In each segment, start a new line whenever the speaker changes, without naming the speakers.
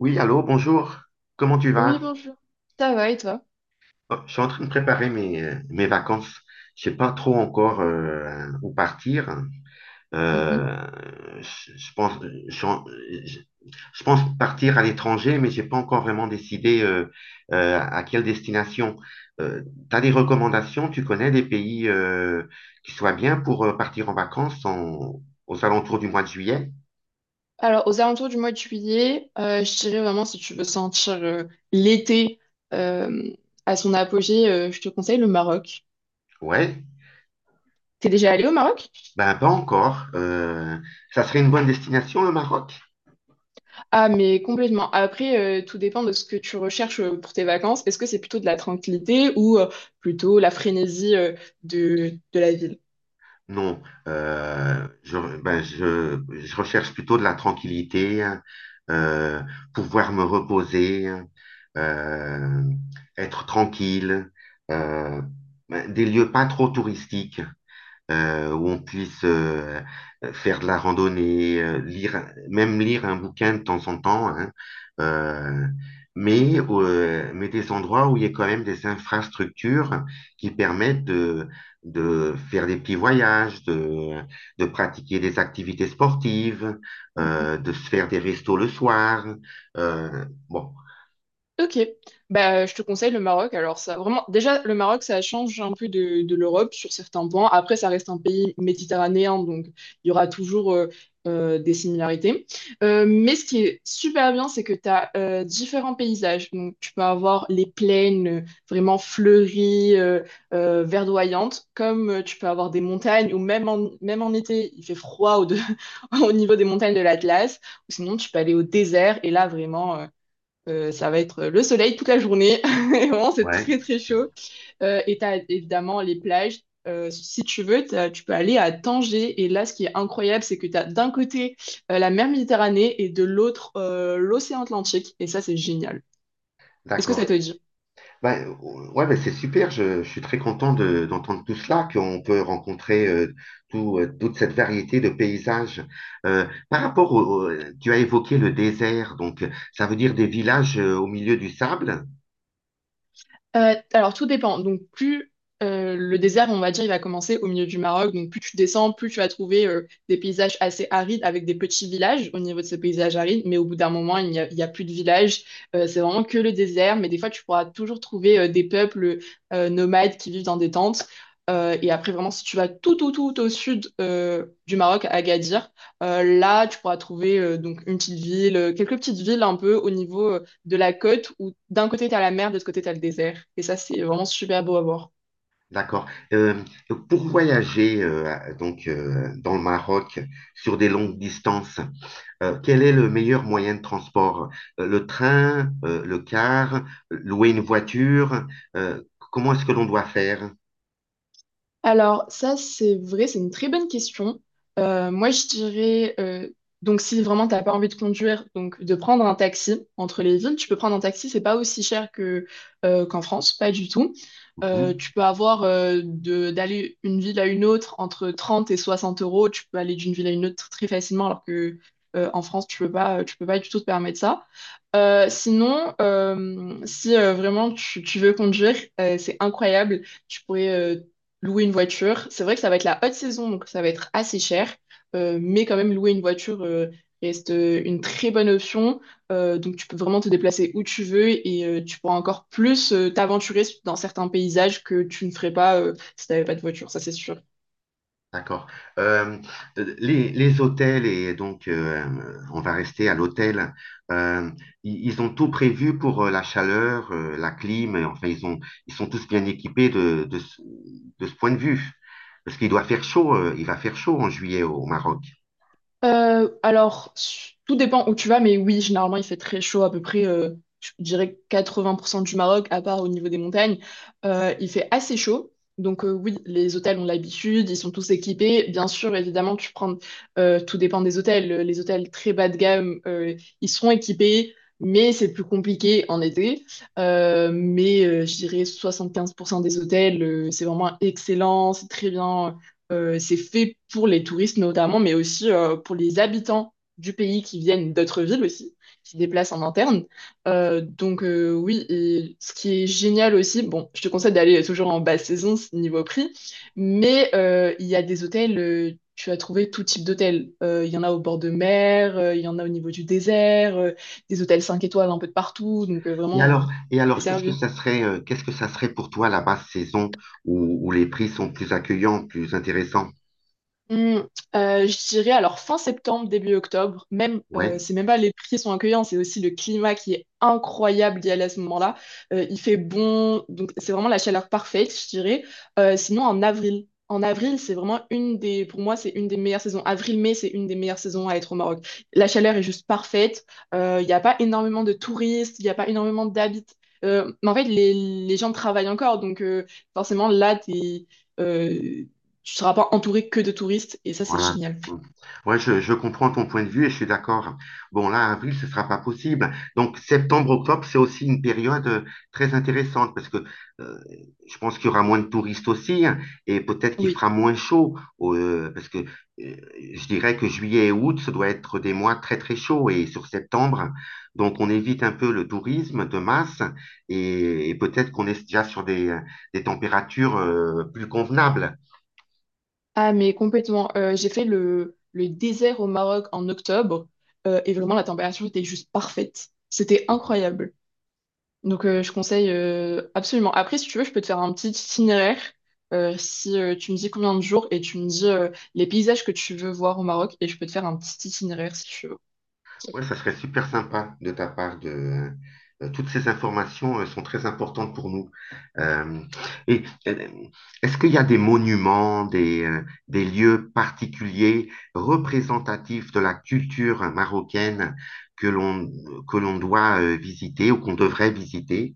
Oui, allô, bonjour. Comment tu
Oui,
vas?
bonjour. Ça va et toi?
Oh, je suis en train de préparer mes vacances. Je sais pas trop encore où partir.
Mhm.
Euh, je, je pense, je, je- je pense partir à l'étranger, mais j'ai pas encore vraiment décidé à quelle destination. Euh, Tu des recommandations? Tu connais des pays qui soient bien pour partir en vacances aux alentours du mois de juillet?
Alors, aux alentours du mois de juillet, je dirais vraiment si tu veux sentir l'été euh, à son apogée, je te conseille le Maroc.
Ouais,
T'es déjà allé au Maroc?
ben pas encore. Ça serait une bonne destination, le Maroc?
Ah, mais complètement. Après, tout dépend de ce que tu recherches pour tes vacances. Est-ce que c'est plutôt de la tranquillité ou plutôt la frénésie de la ville?
Non, ben, je recherche plutôt de la tranquillité, hein, euh, pouvoir me reposer, hein, euh, être tranquille, euh, ben, des lieux pas trop touristiques où on puisse faire de la randonnée, lire, même lire un bouquin de temps en temps, hein, euh, mais des endroits où il y a quand même des infrastructures qui permettent de faire des petits voyages, de pratiquer des activités sportives, de se faire des restos le soir. Bon,
Ok, bah, je te conseille le Maroc. Alors ça, vraiment, déjà le Maroc, ça change un peu de l'Europe sur certains points. Après, ça reste un pays méditerranéen, donc il y aura toujours des similarités. Mais ce qui est super bien, c'est que tu as différents paysages. Donc tu peux avoir les plaines vraiment fleuries, verdoyantes, comme tu peux avoir des montagnes, ou même en, même en été, il fait froid au niveau des montagnes de l'Atlas. Ou sinon, tu peux aller au désert, et là vraiment. Ça va être le soleil toute la journée. Et vraiment, c'est
ouais,
très très chaud. Et tu as évidemment les plages. Si tu veux, tu peux aller à Tanger. Et là, ce qui est incroyable, c'est que tu as d'un côté la mer Méditerranée et de l'autre l'océan Atlantique. Et ça, c'est génial. Est-ce que ça
d'accord.
te dit?
Bah, ouais, bah, c'est super. Je suis très content d'entendre tout cela, qu'on peut rencontrer toute cette variété de paysages. Par rapport au, au- Tu as évoqué le désert, donc ça veut dire des villages au milieu du sable,
Alors tout dépend. Donc plus le désert, on va dire, il va commencer au milieu du Maroc. Donc plus tu descends, plus tu vas trouver des paysages assez arides avec des petits villages au niveau de ces paysages arides. Mais au bout d'un moment, il y a plus de villages. C'est vraiment que le désert. Mais des fois, tu pourras toujours trouver des peuples nomades qui vivent dans des tentes. Et après, vraiment, si tu vas tout, tout, tout au sud du Maroc, à Agadir, là, tu pourras trouver donc une petite ville, quelques petites villes un peu au niveau de la côte où d'un côté, tu as la mer, de l'autre côté, tu as le désert. Et ça, c'est vraiment super beau à voir.
d'accord. Euh, pour voyager, donc, dans le Maroc sur des longues distances, quel est le meilleur moyen de transport? Le train, le car, louer une voiture, euh, comment est-ce que l'on doit faire?
Alors, ça, c'est vrai, c'est une très bonne question. Moi, je dirais, donc si vraiment t'as pas envie de conduire, donc de prendre un taxi entre les villes, tu peux prendre un taxi, c'est pas aussi cher que qu'en France, pas du tout.
Mhm.
Tu peux avoir d'aller une ville à une autre entre 30 et 60 euros, tu peux aller d'une ville à une autre très facilement, alors que en France, tu peux pas du tout te permettre ça. Sinon, si vraiment tu veux conduire, c'est incroyable. Tu pourrais louer une voiture. C'est vrai que ça va être la haute saison, donc ça va être assez cher, mais quand même louer une voiture reste une très bonne option. Donc tu peux vraiment te déplacer où tu veux et tu pourras encore plus t'aventurer dans certains paysages que tu ne ferais pas si tu n'avais pas de voiture, ça c'est sûr.
D'accord. Euh, les hôtels, et donc on va rester à l'hôtel, euh, ils ont tout prévu pour la chaleur, la clim, et enfin ils sont tous bien équipés de ce point de vue. Parce qu'il doit faire chaud, il va faire chaud en juillet au Maroc.
Alors, tout dépend où tu vas, mais oui, généralement, il fait très chaud, à peu près, je dirais 80% du Maroc, à part au niveau des montagnes. Il fait assez chaud. Donc, oui, les hôtels ont l'habitude, ils sont tous équipés. Bien sûr, évidemment, tout dépend des hôtels. Les hôtels très bas de gamme, ils seront équipés, mais c'est plus compliqué en été. Mais je dirais 75% des hôtels, c'est vraiment excellent, c'est très bien. C'est fait pour les touristes notamment, mais aussi pour les habitants du pays qui viennent d'autres villes aussi, qui se déplacent en interne. Donc oui, et ce qui est génial aussi, bon, je te conseille d'aller toujours en basse saison niveau prix, mais il y a des hôtels, tu vas trouver tout type d'hôtels. Il y en a au bord de mer, il y en a au niveau du désert, des hôtels 5 étoiles un peu de partout, donc euh,
Et
vraiment, euh,
alors, et
t'es
alors qu'est-ce que
servi.
ça serait, pour toi la basse saison où les prix sont plus accueillants, plus intéressants?
Hmm, je dirais alors fin septembre, début octobre, même
Ouais.
c'est même pas les prix sont accueillants, c'est aussi le climat qui est incroyable d'y aller à ce moment-là. Il fait bon, donc c'est vraiment la chaleur parfaite, je dirais. Sinon en avril. En avril, c'est vraiment une des, pour moi, c'est une des meilleures saisons. Avril-mai, c'est une des meilleures saisons à être au Maroc. La chaleur est juste parfaite. Il n'y a pas énormément de touristes, il n'y a pas énormément d'habitants. Mais en fait, les gens travaillent encore, donc forcément, là, euh, tu seras pas entouré que de touristes et ça, c'est
Voilà.
génial.
Mm. Ouais, je comprends ton point de vue et je suis d'accord. Bon, là, avril, ce sera pas possible. Donc, septembre, octobre, c'est aussi une période très intéressante parce que euh, je pense qu'il y aura moins de touristes aussi, hein, et peut-être qu'il
Oui.
fera moins chaud parce que je dirais que juillet et août, ça doit être des mois très, très chauds et sur septembre. Donc, on évite un peu le tourisme de masse et peut-être qu'on est déjà sur des températures plus convenables.
Ah, mais complètement. J'ai fait le désert au Maroc en octobre et vraiment la température était juste parfaite. C'était incroyable. Donc, je conseille absolument. Après, si tu veux, je peux te faire un petit itinéraire si tu me dis combien de jours et tu me dis les paysages que tu veux voir au Maroc et je peux te faire un petit itinéraire si tu veux.
Ouais, ça serait super sympa de ta part de. Toutes ces informations sont très importantes pour nous. Euh, et euh, Est-ce qu'il y a des monuments, des lieux particuliers représentatifs de la culture marocaine que l'on que l'on doit visiter ou qu'on devrait visiter?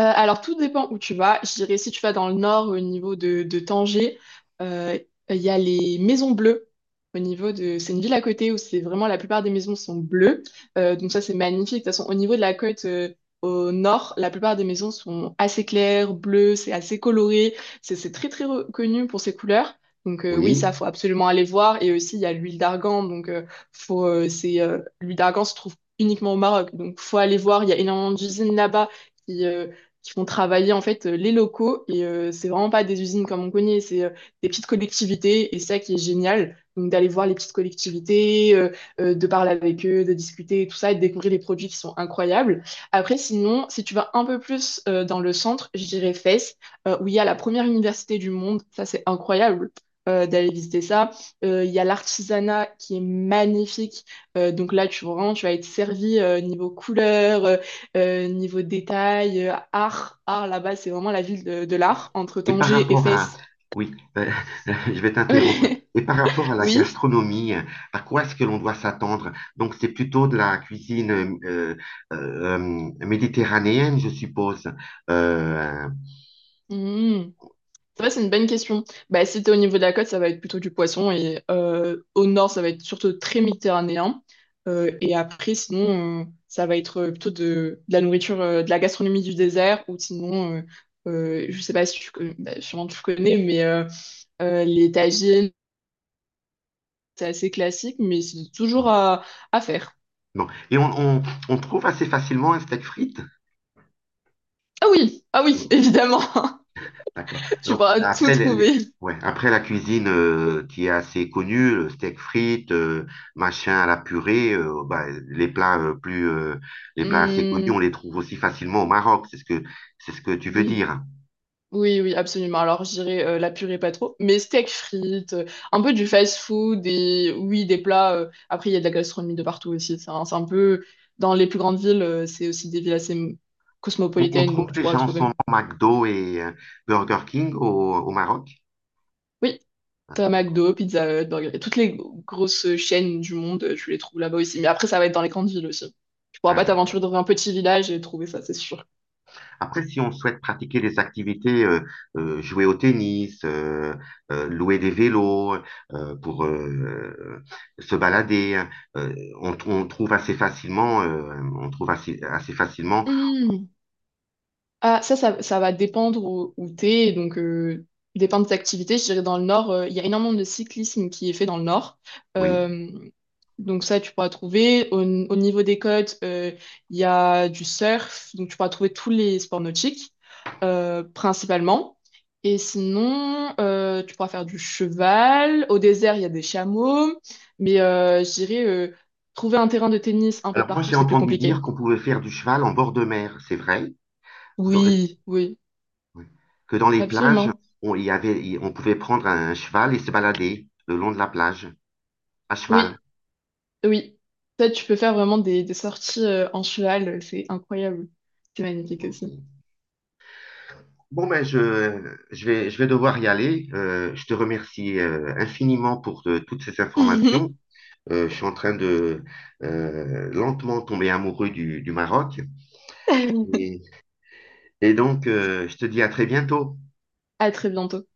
Alors, tout dépend où tu vas. Je dirais, si tu vas dans le nord, au niveau de Tanger, euh, il y a les Maisons Bleues. C'est une ville à côté où c'est vraiment la plupart des maisons sont bleues. Donc ça, c'est magnifique. De toute façon, au niveau de la côte au nord, la plupart des maisons sont assez claires, bleues, c'est assez coloré. C'est très, très reconnu pour ses couleurs. Donc oui,
Oui.
ça, faut absolument aller voir. Et aussi, il y a l'huile d'argan. Donc l'huile d'argan se trouve uniquement au Maroc. Donc faut aller voir. Il y a énormément d'usines là-bas qui euh, qui font travailler en fait les locaux. Et c'est vraiment pas des usines comme on connaît, c'est des petites collectivités. Et ça qui est génial, donc d'aller voir les petites collectivités, de parler avec eux, de discuter, et tout ça, et de découvrir les produits qui sont incroyables. Après, sinon, si tu vas un peu plus dans le centre, je dirais Fès, où il y a la première université du monde. Ça, c'est incroyable. D'aller visiter ça. Il y a l'artisanat qui est magnifique. Donc là, tu, vraiment, tu vas être servi niveau couleur, niveau détail, art là-bas, c'est vraiment la ville de l'art, entre
Et par
Tanger et
rapport à,
Fès.
oui, euh, je vais t'interrompre. Et par rapport à la
Oui.
gastronomie, à quoi est-ce que l'on doit s'attendre? Donc, c'est plutôt de la cuisine méditerranéenne, je suppose. Euh,
Hmm. Ça va, c'est une bonne question. Bah, si t'es au niveau de la côte, ça va être plutôt du poisson et au nord, ça va être surtout très méditerranéen. Et après, sinon, ça va être plutôt de la nourriture, de la gastronomie du désert ou sinon, je sais pas si tu, bah, sûrement tu connais, mais les tagines, c'est assez classique, mais c'est toujours à faire.
non. Et on trouve assez facilement un steak frites.
Ah oui, ah oui, évidemment.
D'accord.
Tu
Donc,
pourras tout
après,
trouver.
ouais, après la cuisine qui est assez connue, le steak frites, machin à la purée, bah, les plats les plats assez connus,
Hmm,
on les trouve aussi facilement au Maroc. C'est ce que tu veux
oui,
dire.
oui, oui, absolument. Alors, j'irai la purée pas trop, mais steak frites, un peu du fast food et oui, des plats. Après, il y a de la gastronomie de partout aussi. C'est un peu dans les plus grandes villes, c'est aussi des villes assez
On
cosmopolitaines,
trouve
donc tu pourras
déjà en ce
trouver.
moment McDo et Burger King au Maroc.
Oui, t'as McDo, Pizza Hut, Burger King, toutes les grosses chaînes du monde, tu les trouves là-bas aussi. Mais après, ça va être dans les grandes villes aussi. Tu pourras
Ah,
pas
d'accord.
t'aventurer dans un petit village et trouver ça, c'est sûr.
Après, si on souhaite pratiquer des activités, jouer au tennis, louer des vélos pour se balader, euh, on trouve assez facilement, on trouve assez facilement,
Hmm. Ah, ça va dépendre où t'es, et donc dépendre de tes activités. Je dirais dans le nord, il y a énormément de cyclisme qui est fait dans le nord.
oui.
Euh, donc ça, tu pourras trouver. Au niveau des côtes, il y a du surf, donc tu pourras trouver tous les sports nautiques, principalement. Et sinon, tu pourras faire du cheval. Au désert, il y a des chameaux. Mais je dirais, trouver un terrain de tennis un peu de
Alors moi,
partout,
j'ai
c'est plus
entendu dire
compliqué.
qu'on pouvait faire du cheval en bord de mer, c'est vrai. Dans- euh,
Oui, oui,
que dans les plages,
absolument.
on, il y avait, il- on pouvait prendre un cheval et se balader le long de la plage, à cheval.
Oui. Oui, peut-être tu peux faire vraiment des sorties en cheval, c'est incroyable. C'est magnifique
Ok.
aussi.
Bon, ben je vais devoir y aller. Je te remercie infiniment pour toutes ces informations. Je suis en train de lentement tomber amoureux du Maroc. Et, et, donc, je te dis à très bientôt.
À très bientôt.